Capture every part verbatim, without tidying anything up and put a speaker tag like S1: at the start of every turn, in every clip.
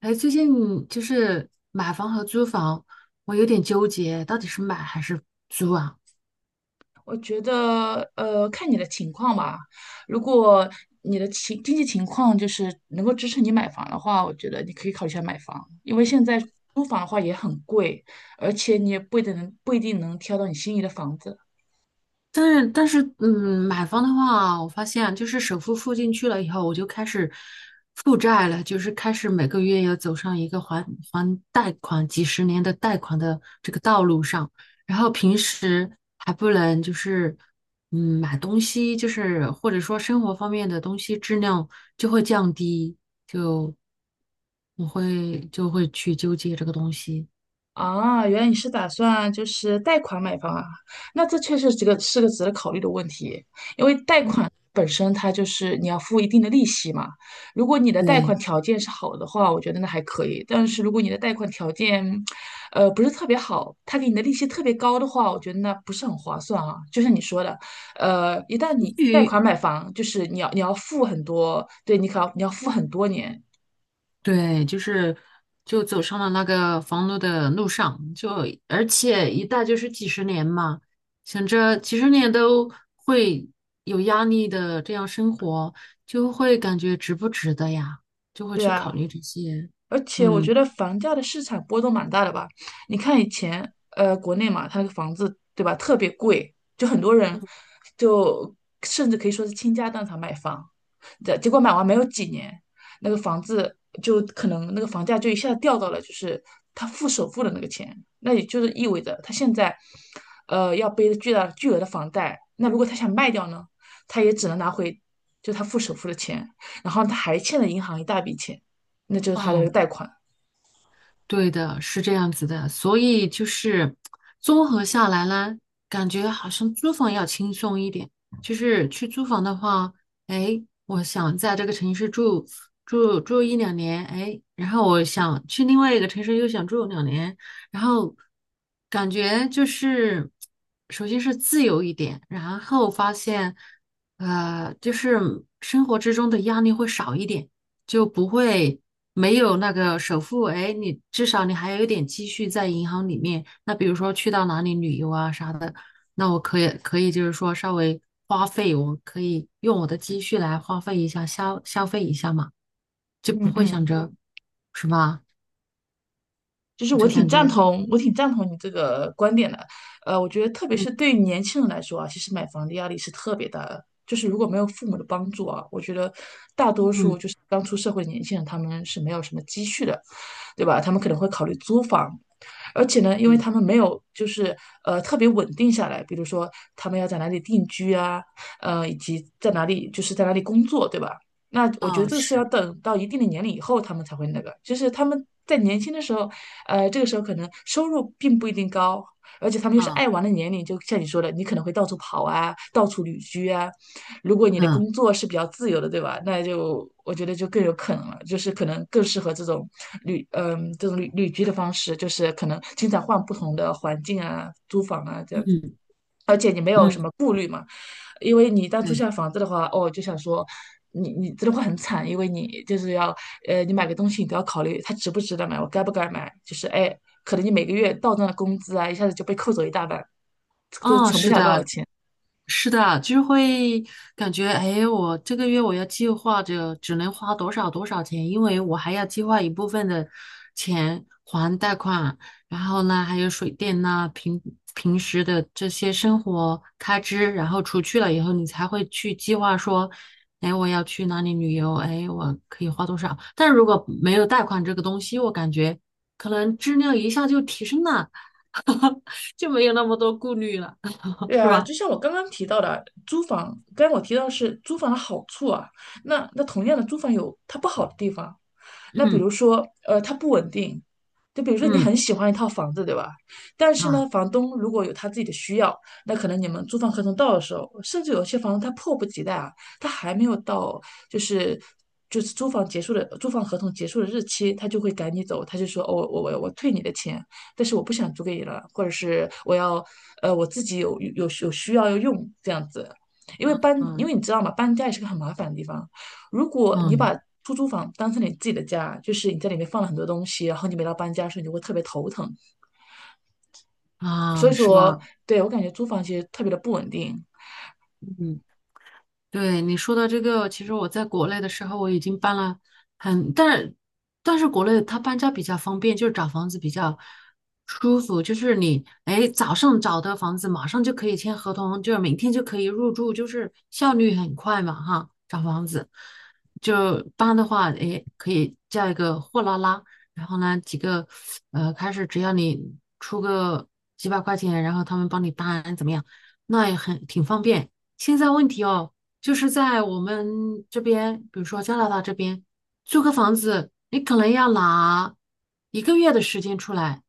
S1: 哎，最近就是买房和租房，我有点纠结，到底是买还是租啊？
S2: 我觉得，呃，看你的情况吧。如果你的情经济情况就是能够支持你买房的话，我觉得你可以考虑一下买房，因为现在租房的话也很贵，而且你也不一定能不一定能挑到你心仪的房子。
S1: 但是但是，嗯，买房的话，我发现啊就是首付付进去了以后，我就开始负债了，就是开始每个月要走上一个还还贷款几十年的贷款的这个道路上，然后平时还不能就是嗯买东西，就是或者说生活方面的东西质量就会降低，就我会就会去纠结这个东西。
S2: 啊，原来你是打算就是贷款买房啊？那这确实这个是个值得考虑的问题。本身它就是你要付一定的利息嘛。如果你的贷款
S1: 对。
S2: 条件是好的话，我觉得那还可以。但是如果你的贷款条件，呃，不是特别好，他给你的利息特别高的话，我觉得那不是很划算啊。就像你说的，呃，一旦你贷款买房，就是你要你要付很多，对你可要你要付很多年，
S1: 对，就是就走上了那个房奴的路上，就而且一贷就是几十年嘛，想着几十年都会有压力的这样生活，就会感觉值不值得呀，就会
S2: 对
S1: 去考
S2: 啊。
S1: 虑这些。
S2: 而且我觉
S1: 嗯
S2: 得房价的市场波动蛮大的吧。你看以前，呃，国内嘛，它那个房子，对吧，特别贵，就很多人就甚至可以说是倾家荡产买房，结结果买完没有几年，那个房子就可能那个房价就一下子掉到了就是他付首付的那个钱，那也就是意味着他现在，呃，要背着巨大巨额的房贷。那如果他想卖掉呢，他也只能拿回就他付首付的钱，然后他还欠了银行一大笔钱。那就是他的这个
S1: 嗯，
S2: 贷款。
S1: 对的，是这样子的，所以就是综合下来呢，感觉好像租房要轻松一点。就是去租房的话，哎，我想在这个城市住住住一两年，哎，然后我想去另外一个城市又想住两年，然后感觉就是首先是自由一点，然后发现呃，就是生活之中的压力会少一点。就不会没有那个首付，哎，你至少你还有一点积蓄在银行里面。那比如说去到哪里旅游啊啥的，那我可以可以就是说稍微花费，我可以用我的积蓄来花费一下，消消费一下嘛，就不
S2: 嗯
S1: 会想
S2: 嗯。
S1: 着，是吧？
S2: 就是我
S1: 就
S2: 挺
S1: 感觉，
S2: 赞同，我挺赞同你这个观点的。呃，我觉得特别
S1: 嗯
S2: 是对于年轻人来说啊，其实买房的压力是特别大的。就是如果没有父母的帮助啊，我觉得大多数
S1: 嗯，
S2: 就是刚出社会的年轻人，他们是没有什么积蓄的，对吧？他们可能会考虑租房，而且呢，因为
S1: 对，
S2: 他们没有就是呃特别稳定下来，比如说他们要在哪里定居啊，呃，以及在哪里就是在哪里工作，对吧？那我觉得
S1: 哦
S2: 这个是要
S1: 是，
S2: 等到一定的年龄以后，他们才会那个，就是他们在年轻的时候，呃，这个时候可能收入并不一定高，而且他们又是
S1: 啊
S2: 爱玩的年龄，就像你说的，你可能会到处跑啊，到处旅居啊。如果你的
S1: 嗯
S2: 工作是比较自由的，对吧？那就我觉得就更有可能了，就是可能更适合这种旅，嗯、这种旅旅居的方式，就是可能经常换不同的环境啊，租房啊这样子。
S1: 嗯
S2: 而且你没有什
S1: 嗯，
S2: 么顾虑嘛，因为你一旦租
S1: 对，
S2: 下房子的话，哦，就想说，你你真的会很惨，因为你就是要，呃，你买个东西你都要考虑它值不值得买，我该不该买，就是哎，可能你每个月到账的工资啊，一下子就被扣走一大半，都
S1: 哦
S2: 存不
S1: 是
S2: 下多少
S1: 的，
S2: 钱。
S1: 是的，就是会感觉，哎，我这个月我要计划着只能花多少多少钱，因为我还要计划一部分的钱还贷款，然后呢，还有水电呐，平平时的这些生活开支，然后除去了以后，你才会去计划说，哎，我要去哪里旅游，哎，我可以花多少。但如果没有贷款这个东西，我感觉可能质量一下就提升了，就没有那么多顾虑了，
S2: 对
S1: 是
S2: 啊，
S1: 吧？
S2: 就像我刚刚提到的，租房，刚刚我提到的是租房的好处啊，那那同样的，租房有它不好的地方，那比
S1: 嗯
S2: 如说，呃，它不稳定，就比如说你
S1: 嗯。
S2: 很喜欢一套房子，对吧？但是呢，
S1: 啊。
S2: 房东如果有他自己的需要，那可能你们租房合同到的时候，甚至有些房东他迫不及待啊，他还没有到就是就是租房结束的租房合同结束的日期，他就会赶你走，他就说哦我我我我退你的钱，但是我不想租给你了，或者是我要呃我自己有有有需要要用这样子，因为搬因为你
S1: 嗯
S2: 知道嘛，搬家也是个很麻烦的地方，如果你把
S1: 嗯
S2: 出租房当成你自己的家，就是你在里面放了很多东西，然后你每到搬家的时候，你就会特别头疼。所
S1: 啊，
S2: 以
S1: 是
S2: 说，
S1: 吧？
S2: 对，我感觉租房其实特别的不稳定。
S1: 嗯，对你说的这个，其实我在国内的时候我已经搬了很，但是但是国内它搬家比较方便，就是找房子比较舒服，就是你哎早上找的房子马上就可以签合同，就是明天就可以入住，就是效率很快嘛哈。找房子就搬的话，哎可以叫一个货拉拉，然后呢几个呃开始只要你出个几百块钱，然后他们帮你搬怎么样，那也很挺方便。现在问题哦。就是在我们这边，比如说加拿大这边，租个房子，你可能要拿一个月的时间出来，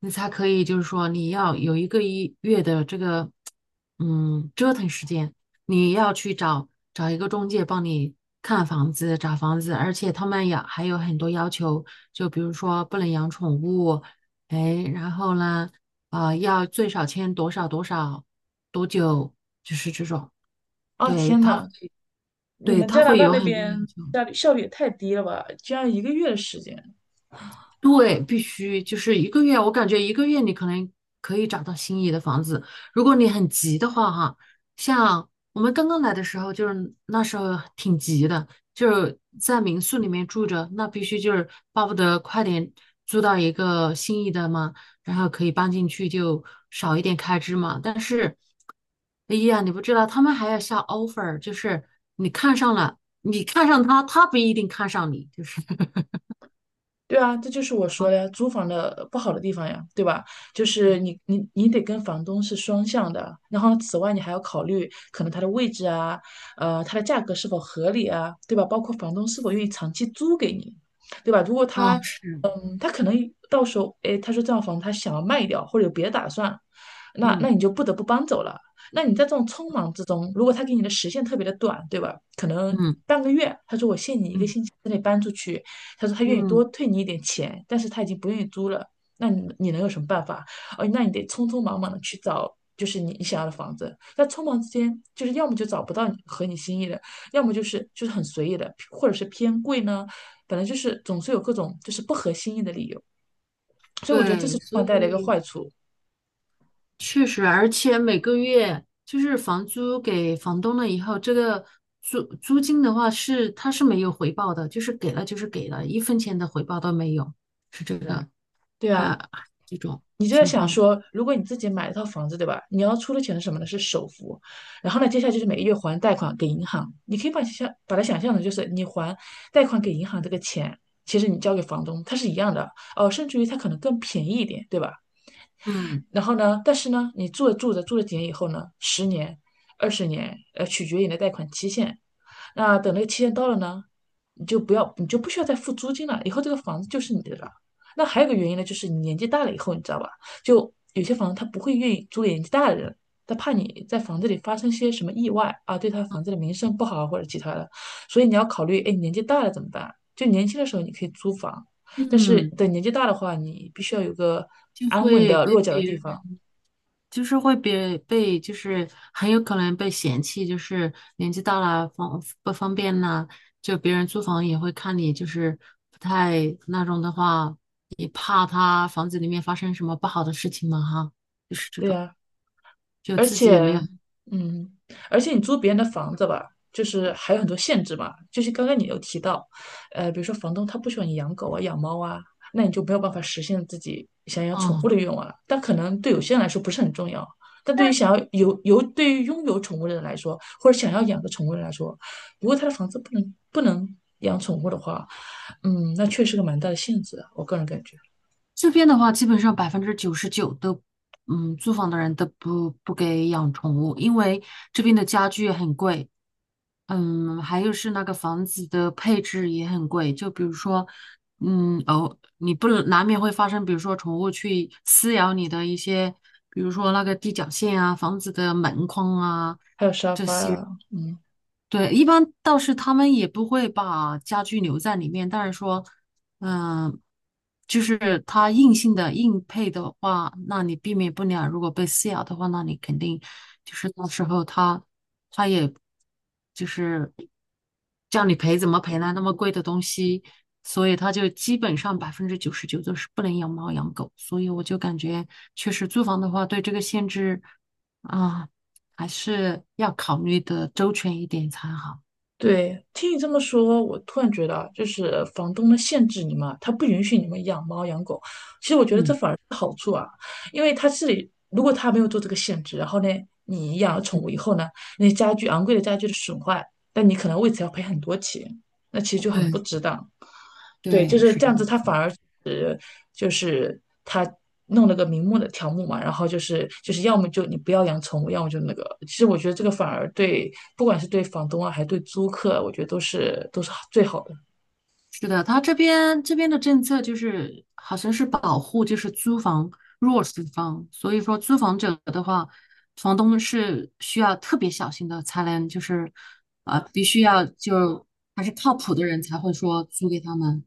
S1: 你才可以，就是说你要有一个一月的这个，嗯，折腾时间，你要去找找一个中介帮你看房子、找房子，而且他们也还有很多要求，就比如说不能养宠物，哎，然后呢，啊、要最少签多少多少多久，就是这种。
S2: 啊，
S1: 对，
S2: 天
S1: 他会。
S2: 呐，你
S1: 对，
S2: 们
S1: 他
S2: 加拿
S1: 会
S2: 大
S1: 有
S2: 那
S1: 很多要
S2: 边
S1: 求。
S2: 效率效率也太低了吧？居然一个月的时间。
S1: 对，必须就是一个月，我感觉一个月你可能可以找到心仪的房子。如果你很急的话，哈，像我们刚刚来的时候，就是那时候挺急的，就是在民宿里面住着，那必须就是巴不得快点租到一个心仪的嘛，然后可以搬进去就少一点开支嘛。但是，哎呀，你不知道，他们还要下 offer，就是你看上了，你看上他，他不一定看上你，就是。
S2: 对啊，这就是我说的呀，租房的呃不好的地方呀，对吧？就是你你你得跟房东是双向的，然后此外你还要考虑可能它的位置啊，呃，它的价格是否合理啊，对吧？包括房东是否愿意长期租给你，对吧？如果他
S1: 哦，是，
S2: 嗯他可能到时候，哎，他说这套房他想要卖掉，或者有别的打算，那那
S1: 嗯
S2: 你就不得不搬走了。那你在这种匆忙之中，如果他给你的时限特别的短，对吧？可能
S1: 嗯
S2: 半个月，他说我限你一个
S1: 嗯
S2: 星期之内搬出去，他说他愿意多
S1: 嗯，
S2: 退你一点钱，但是他已经不愿意租了，那你你能有什么办法？哦，那你得匆匆忙忙的去找，就是你你想要的房子。在匆忙之间，就是要么就找不到你合你心意的，要么就是就是很随意的，或者是偏贵呢。本来就是总是有各种就是不合心意的理由，所以我觉得这是
S1: 对，所
S2: 放房贷的一个
S1: 以
S2: 坏处。
S1: 确实，而且每个月就是房租给房东了以后，这个租租金的话是他是没有回报的，就是给了就是给了，一分钱的回报都没有，是这个，
S2: 对啊，
S1: 还这种
S2: 你就在
S1: 情
S2: 想
S1: 况。
S2: 说，如果你自己买了套房子，对吧？你要出的钱是什么呢？是首付，然后呢，接下来就是每个月还贷款给银行。你可以把想象把它想象成就是你还贷款给银行这个钱，其实你交给房东，它是一样的哦，甚至于它可能更便宜一点，对吧？
S1: 嗯
S2: 然后呢，但是呢，你住着住着住了几年以后呢，十年、二十年，呃，取决于你的贷款期限。那等那个期限到了呢，你就不要，你就不需要再付租金了，以后这个房子就是你的了。那还有一个原因呢，就是你年纪大了以后，你知道吧？就有些房子他不会愿意租给年纪大的人，他怕你在房子里发生些什么意外啊，对他房子的名声不好或者其他的，所以你要考虑，哎，你年纪大了怎么办？就年轻的时候你可以租房，但是
S1: 嗯，
S2: 等年纪大的话，你必须要有个
S1: 就
S2: 安稳
S1: 会
S2: 的落
S1: 被
S2: 脚的
S1: 别
S2: 地方。
S1: 人。就是会被被，就是很有可能被嫌弃，就是年纪大了方不方便呐，就别人租房也会看你，就是不太那种的话，也怕他房子里面发生什么不好的事情嘛哈，
S2: 对呀、
S1: 就
S2: 而
S1: 自己也没有，
S2: 且，嗯，而且你租别人的房子吧，就是还有很多限制嘛。就是刚刚你有提到，呃，比如说房东他不喜欢你养狗啊、养猫啊，那你就没有办法实现自己想养宠物
S1: 嗯，
S2: 的愿望了。但可能对有些
S1: 对，
S2: 人来说不是很重要，但对于想要有有对于拥有宠物的人来说，或者想要养个宠物的人来说，如果他的房子不能不能养宠物的话，嗯，那确实个蛮大的限制啊我个人感觉。
S1: 这边的话基本上百分之九十九都，嗯，租房的人都不不给养宠物，因为这边的家具很贵，嗯，还有是那个房子的配置也很贵，就比如说，嗯，哦，你不能难免会发生，比如说宠物去撕咬你的一些，比如说那个地脚线啊、房子的门框啊
S2: 还有沙
S1: 这
S2: 发
S1: 些，
S2: 啊，嗯。
S1: 对，一般倒是他们也不会把家具留在里面，但是说，嗯、就是它硬性的硬配的话，那你避免不了。如果被撕咬的话，那你肯定就是到时候他他也就是叫你赔怎么赔呢？那么贵的东西，所以他就基本上百分之九十九都是不能养猫养狗。所以我就感觉，确实租房的话，对这个限制。啊，还是要考虑的周全一点才好。
S2: 对，听你这么说，我突然觉得啊，就是房东呢限制你们，他不允许你们养猫养狗。其实我觉得这
S1: 嗯
S2: 反而是好处啊，因为他是如果他没有做这个限制，然后呢，你养了宠
S1: 嗯，
S2: 物以后呢，那些家具昂贵的家具的损坏，但你可能为此要赔很多钱。那其实就很
S1: 对
S2: 不值当。对，就
S1: 对，
S2: 是
S1: 是
S2: 这
S1: 这
S2: 样子，
S1: 样
S2: 他
S1: 子。
S2: 反而是就是他弄了个明目的条目嘛，然后就是就是要么就你不要养宠物，要么就那个。其实我觉得这个反而对，不管是对房东啊，还是对租客，我觉得都是都是最好的。
S1: 是的，他这边这边的政策就是好像是保护就是租房弱势方，所以说租房者的话，房东是需要特别小心的，才能就是啊、呃必须要就还是靠谱的人才会说租给他们。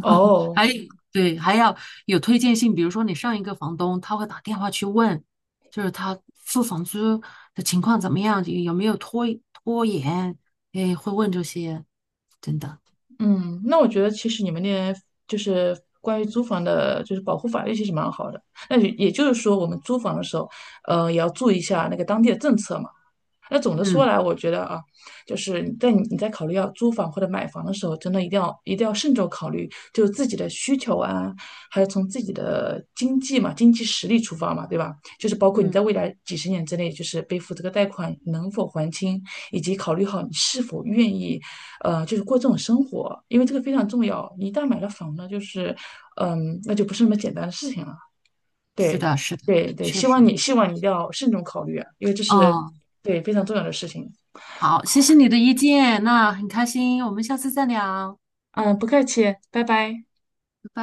S2: 哦，
S1: 还对，还要有推荐信，比如说你上一个房东，他会打电话去问，就是他付房租的情况怎么样，有没有拖拖延，哎，会问这些，真的，
S2: 嗯，那我觉得其实你们那边就是关于租房的，就是保护法律其实蛮好的。那也也就是说，我们租房的时候，呃，也要注意一下那个当地的政策嘛。那总的说
S1: 嗯
S2: 来，我觉得啊，就是在你你在考虑要租房或者买房的时候，真的一定要一定要慎重考虑，就是自己的需求啊，还有从自己的经济嘛、经济实力出发嘛，对吧？就是包括你
S1: 嗯，
S2: 在未来几十年之内，就是背负这个贷款能否还清，以及考虑好你是否愿意，呃，就是过这种生活，因为这个非常重要。你一旦买了房呢，就是，嗯，那就不是那么简单的事情了。
S1: 是
S2: 对
S1: 的，是的，
S2: 对对，
S1: 确
S2: 希望
S1: 实，
S2: 你希望你一定要慎重考虑啊，因为这是
S1: 哦，
S2: 对非常重要的事情。
S1: 好，谢谢你的意见，那很开心，我们下次再聊。
S2: 嗯，不客气，拜拜。
S1: 拜拜。